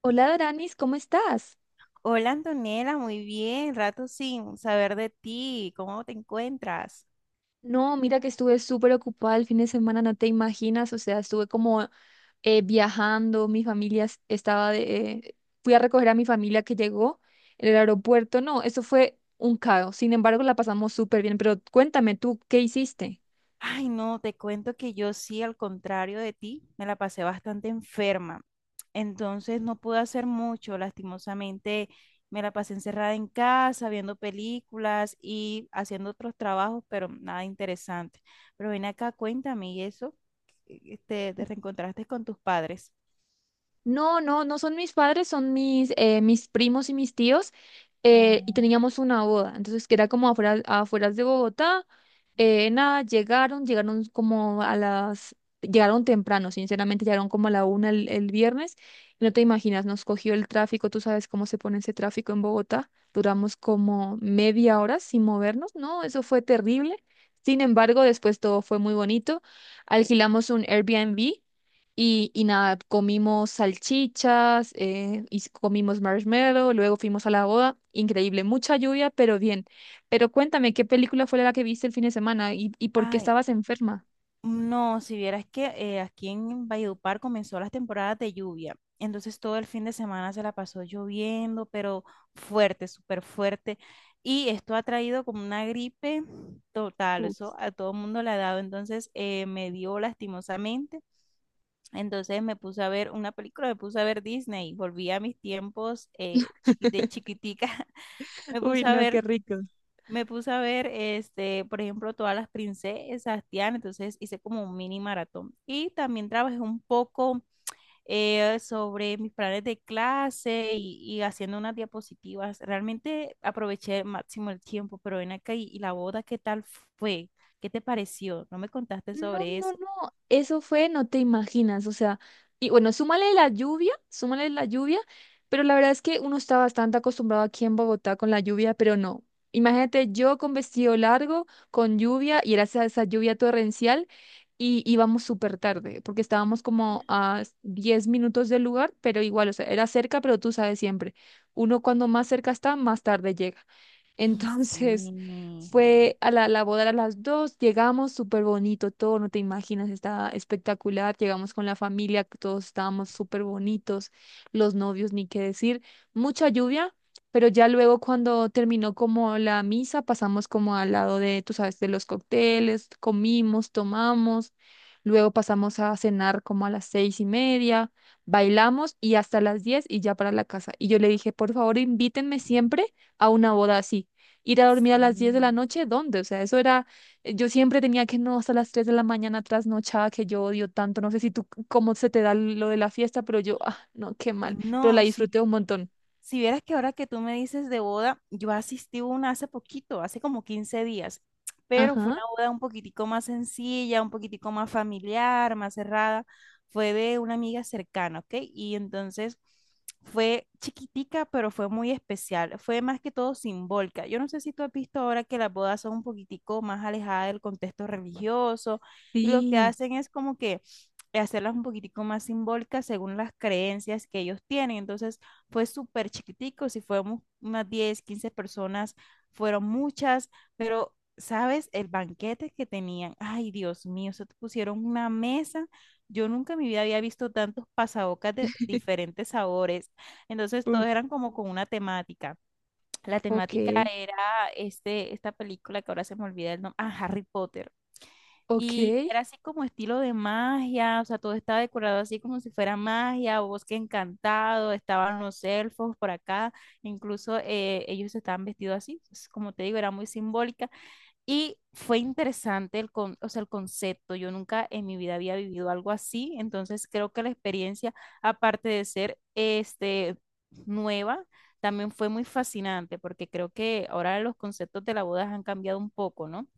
Hola, Aranis, ¿cómo estás? Hola Antonella, muy bien, rato sin saber de ti, ¿cómo te encuentras? No, mira que estuve súper ocupada el fin de semana, no te imaginas, o sea, estuve como viajando, mi familia es- estaba de... fui a recoger a mi familia que llegó en el aeropuerto. No, eso fue un caos, sin embargo la pasamos súper bien, pero cuéntame tú, ¿qué hiciste? Ay, no, te cuento que yo sí, al contrario de ti, me la pasé bastante enferma. Entonces no pude hacer mucho, lastimosamente me la pasé encerrada en casa, viendo películas y haciendo otros trabajos, pero nada interesante. Pero ven acá, cuéntame, ¿y eso? ¿Te reencontraste con tus padres? No, no, no son mis padres, son mis primos y mis tíos. Y Ah. teníamos una boda, entonces que era como afuera, afueras de Bogotá. Nada, llegaron temprano, sinceramente, llegaron como a la 1 el viernes. Y no te imaginas, nos cogió el tráfico, tú sabes cómo se pone ese tráfico en Bogotá. Duramos como media hora sin movernos, ¿no? Eso fue terrible. Sin embargo, después todo fue muy bonito. Alquilamos un Airbnb y nada, comimos salchichas, comimos marshmallow, luego fuimos a la boda. Increíble, mucha lluvia, pero bien. Pero cuéntame, ¿qué película fue la que viste el fin de semana y por qué Ay, estabas enferma? no, si vieras que aquí en Valledupar comenzó las temporadas de lluvia, entonces todo el fin de semana se la pasó lloviendo, pero fuerte, súper fuerte, y esto ha traído como una gripe total, Uh, eso a todo el mundo le ha dado, entonces me dio lastimosamente. Entonces me puse a ver una película, me puse a ver Disney, volví a mis tiempos de chiquitica. Me Uy, puse a no, qué ver, rico. me puse a ver, por ejemplo, todas las princesas, Tiana, entonces hice como un mini maratón. Y también trabajé un poco sobre mis planes de clase y haciendo unas diapositivas. Realmente aproveché el máximo el tiempo, pero ven acá y la boda, ¿qué tal fue? ¿Qué te pareció? No me contaste No, sobre no, eso. no, eso fue, no te imaginas, o sea, y bueno, súmale la lluvia, pero la verdad es que uno está bastante acostumbrado aquí en Bogotá con la lluvia, pero no. Imagínate yo con vestido largo, con lluvia, y era esa lluvia torrencial, y íbamos súper tarde, porque estábamos como a 10 minutos del lugar, pero igual, o sea, era cerca, pero tú sabes siempre, uno cuando más cerca está, más tarde llega. Y sí, Entonces, fue a la boda a las 2, llegamos súper bonito todo, no te imaginas, estaba espectacular, llegamos con la familia, todos estábamos súper bonitos, los novios, ni qué decir, mucha lluvia, pero ya luego cuando terminó como la misa, pasamos como al lado de, tú sabes, de los cócteles, comimos, tomamos, luego pasamos a cenar como a las 6:30, bailamos y hasta las 10 y ya para la casa. Y yo le dije, por favor, invítenme siempre a una boda así, ir a dormir a las 10 de la sí. noche, ¿dónde? O sea, eso era, yo siempre tenía que no hasta las 3 de la mañana trasnochada que yo odio tanto, no sé si tú cómo se te da lo de la fiesta, pero yo, ah, no, qué mal, pero la No, sí, disfruté un montón. si vieras que ahora que tú me dices de boda, yo asistí a una hace poquito, hace como 15 días, pero fue Ajá. una boda un poquitico más sencilla, un poquitico más familiar, más cerrada. Fue de una amiga cercana, ¿ok? Y entonces fue chiquitica, pero fue muy especial. Fue más que todo simbólica. Yo no sé si tú has visto ahora que las bodas son un poquitico más alejadas del contexto religioso, y lo que Sí. hacen es como que hacerlas un poquitico más simbólicas según las creencias que ellos tienen. Entonces, fue súper chiquitico, si fuéramos unas 10 15 personas, fueron muchas, pero, ¿sabes? El banquete que tenían, ay, Dios mío, se te pusieron una mesa. Yo nunca en mi vida había visto tantos pasabocas de diferentes sabores. Entonces, Uf. todos eran como con una temática. La Ok, temática era esta película que ahora se me olvida el nombre, ah, Harry Potter. ok. Y era así como estilo de magia, o sea, todo estaba decorado así como si fuera magia, o bosque encantado, estaban los elfos por acá, incluso ellos estaban vestidos así, pues, como te digo, era muy simbólica. Y fue interesante el, con, o sea, el concepto, yo nunca en mi vida había vivido algo así, entonces creo que la experiencia, aparte de ser nueva, también fue muy fascinante, porque creo que ahora los conceptos de la boda han cambiado un poco, ¿no?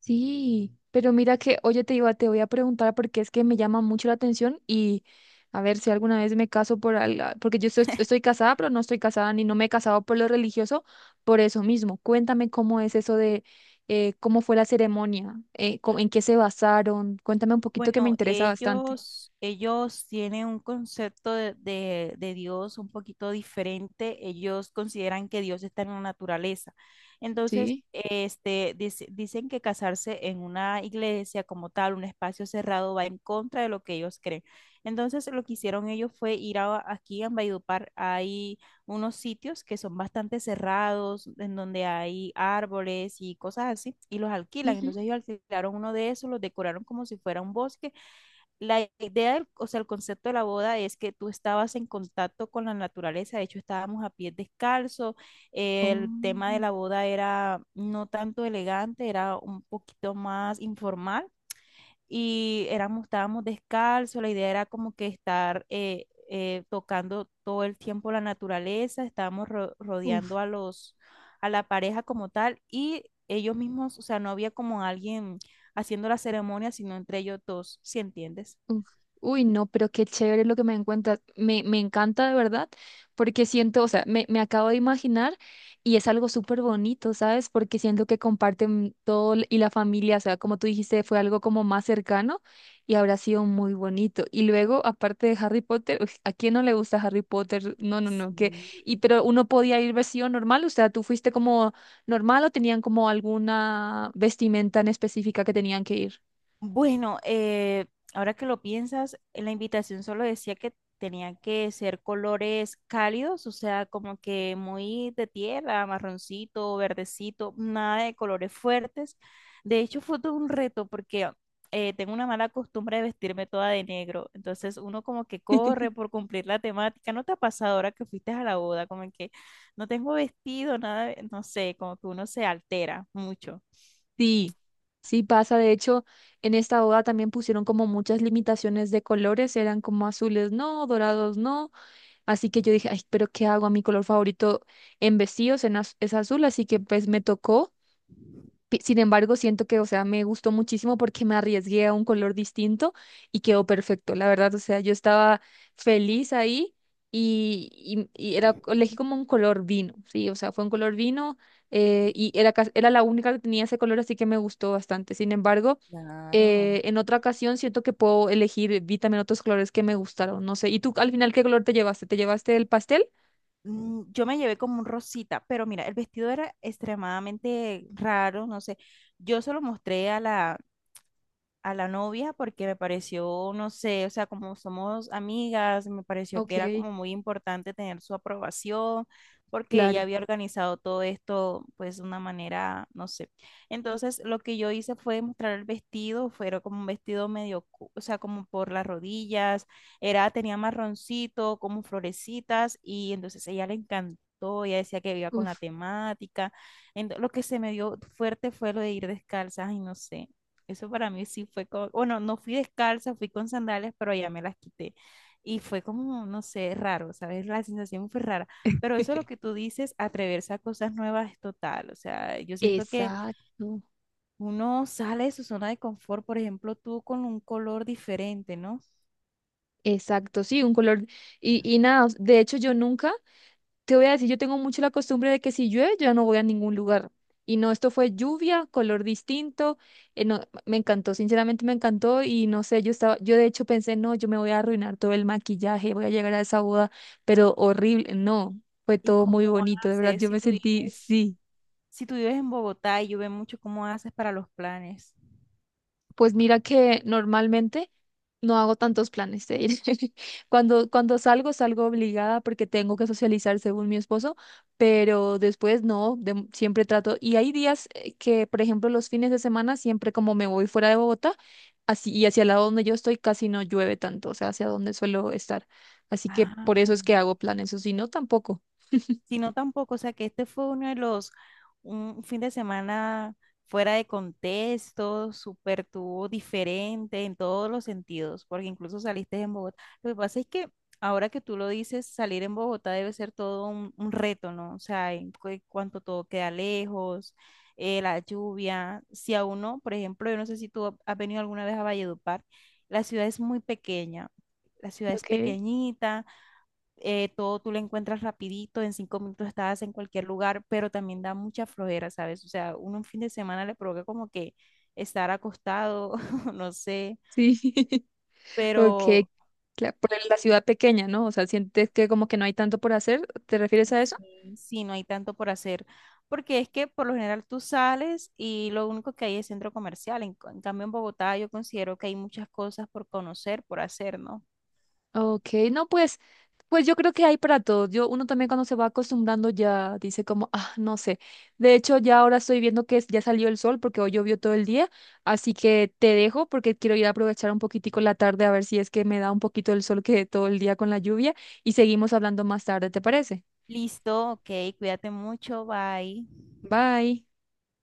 Sí, pero mira que, oye, te voy a preguntar porque es que me llama mucho la atención, y a ver si alguna vez me caso por algo, porque yo estoy casada, pero no estoy casada ni no me he casado por lo religioso, por eso mismo. Cuéntame cómo es eso de, cómo fue la ceremonia, en qué se basaron. Cuéntame un poquito que me Bueno, interesa bastante. ellos tienen un concepto de Dios un poquito diferente. Ellos consideran que Dios está en la naturaleza. Entonces, Sí. Dicen que casarse en una iglesia como tal, un espacio cerrado, va en contra de lo que ellos creen. Entonces, lo que hicieron ellos fue ir a, aquí en Valledupar, unos sitios que son bastante cerrados, en donde hay árboles y cosas así, y los alquilan. Ujú. Entonces ellos alquilaron uno de esos, los decoraron como si fuera un bosque. La idea, o sea, el concepto de la boda es que tú estabas en contacto con la naturaleza, de hecho estábamos a pie descalzo, el tema de la boda era no tanto elegante, era un poquito más informal, y éramos, estábamos descalzos, la idea era como que estar tocando todo el tiempo la naturaleza, estábamos Oh. rodeando a los, a la pareja como tal, y ellos mismos, o sea, no había como alguien haciendo la ceremonia, sino entre ellos dos, ¿si entiendes? Uf. Uy, no, pero qué chévere lo que me encuentras. Me encanta de verdad, porque siento, o sea, me acabo de imaginar y es algo súper bonito, ¿sabes? Porque siento que comparten todo y la familia, o sea, como tú dijiste, fue algo como más cercano y habrá sido muy bonito. Y luego, aparte de Harry Potter, uf, ¿a quién no le gusta Harry Potter? No, no, no, que, y Sí. pero uno podía ir vestido normal, o sea, ¿tú fuiste como normal o tenían como alguna vestimenta en específica que tenían que ir? Bueno, ahora que lo piensas, en la invitación solo decía que tenían que ser colores cálidos, o sea, como que muy de tierra, marroncito, verdecito, nada de colores fuertes. De hecho, fue todo un reto porque tengo una mala costumbre de vestirme toda de negro, entonces uno como que corre por cumplir la temática. ¿No te ha pasado ahora que fuiste a la boda? Como que no tengo vestido, nada, de- no sé, como que uno se altera mucho. Sí, sí pasa. De hecho, en esta boda también pusieron como muchas limitaciones de colores, eran como azules no, dorados no. Así que yo dije, ay, pero ¿qué hago? A mi color favorito en vestidos en es azul, así que pues me tocó. Sin embargo, siento que, o sea, me gustó muchísimo porque me arriesgué a un color distinto y quedó perfecto, la verdad. O sea, yo estaba feliz ahí y era, elegí como un color vino, sí, o sea, fue un color vino y era la única que tenía ese color, así que me gustó bastante. Sin embargo, Claro. En otra ocasión siento que puedo elegir, vi también otros colores que me gustaron, no sé. ¿Y tú al final qué color te llevaste? ¿Te llevaste el pastel? Yo me llevé como un rosita, pero mira, el vestido era extremadamente raro, no sé. Yo se lo mostré a la novia porque me pareció, no sé, o sea, como somos amigas, me pareció Ok, que era como muy importante tener su aprobación, porque ella claro. había organizado todo esto pues de una manera, no sé. Entonces, lo que yo hice fue mostrar el vestido, fue era como un vestido medio, o sea, como por las rodillas, era, tenía marroncito, como florecitas, y entonces a ella le encantó. Ella decía que iba con la Uf, temática. Lo que se me dio fuerte fue lo de ir descalzas, y no sé. Eso para mí sí fue como, bueno, no fui descalza, fui con sandalias, pero ya me las quité. Y fue como, no sé, raro, ¿sabes? La sensación fue rara. Pero eso es lo que tú dices, atreverse a cosas nuevas es total. O sea, yo siento que exacto. uno sale de su zona de confort, por ejemplo, tú con un color diferente, ¿no? Exacto, sí, un color. Y nada, de hecho yo nunca, te voy a decir, yo tengo mucho la costumbre de que si llueve yo ya no voy a ningún lugar. Y no, esto fue lluvia, color distinto. No, me encantó, sinceramente me encantó y no sé, yo de hecho pensé, no, yo me voy a arruinar todo el maquillaje, voy a llegar a esa boda pero horrible, no, fue Y todo cómo muy bonito, de verdad, haces yo si me tú sentí, vives, sí. En Bogotá, y yo veo mucho cómo haces para los planes. Pues mira que normalmente no hago tantos planes de ir. Cuando salgo, salgo obligada porque tengo que socializar según mi esposo, pero después no, siempre trato. Y hay días que, por ejemplo, los fines de semana, siempre como me voy fuera de Bogotá, así, y hacia el lado donde yo estoy casi no llueve tanto, o sea, hacia donde suelo estar. Así que Ah. por eso es que hago planes, o si no, tampoco. Sino tampoco, o sea, que este fue uno de los, un fin de semana fuera de contexto, súper tuvo diferente en todos los sentidos, porque incluso saliste en Bogotá. Lo que pasa es que ahora que tú lo dices, salir en Bogotá debe ser todo un reto, ¿no? O sea, en cuanto todo queda lejos, la lluvia, si a uno, por ejemplo, yo no sé si tú has venido alguna vez a Valledupar, la ciudad es muy pequeña. La ciudad es Okay. pequeñita, todo tú lo encuentras rapidito, en 5 minutos estás en cualquier lugar, pero también da mucha flojera, ¿sabes? O sea, uno un fin de semana le provoca como que estar acostado. No sé, Sí. Ok, pero claro, por la ciudad pequeña, ¿no? O sea, sientes que como que no hay tanto por hacer, ¿te refieres a eso? sí, sí, no hay tanto por hacer, porque es que por lo general tú sales y lo único que hay es centro comercial, en, en cambio en Bogotá yo considero que hay muchas cosas por conocer, por hacer, ¿no? Ok, no, pues, yo creo que hay para todos. Uno también cuando se va acostumbrando ya dice como, ah, no sé. De hecho, ya ahora estoy viendo que ya salió el sol porque hoy llovió todo el día, así que te dejo porque quiero ir a aprovechar un poquitico la tarde a ver si es que me da un poquito el sol, que todo el día con la lluvia. Y seguimos hablando más tarde, ¿te parece? Listo, ok, cuídate mucho, bye. Bye.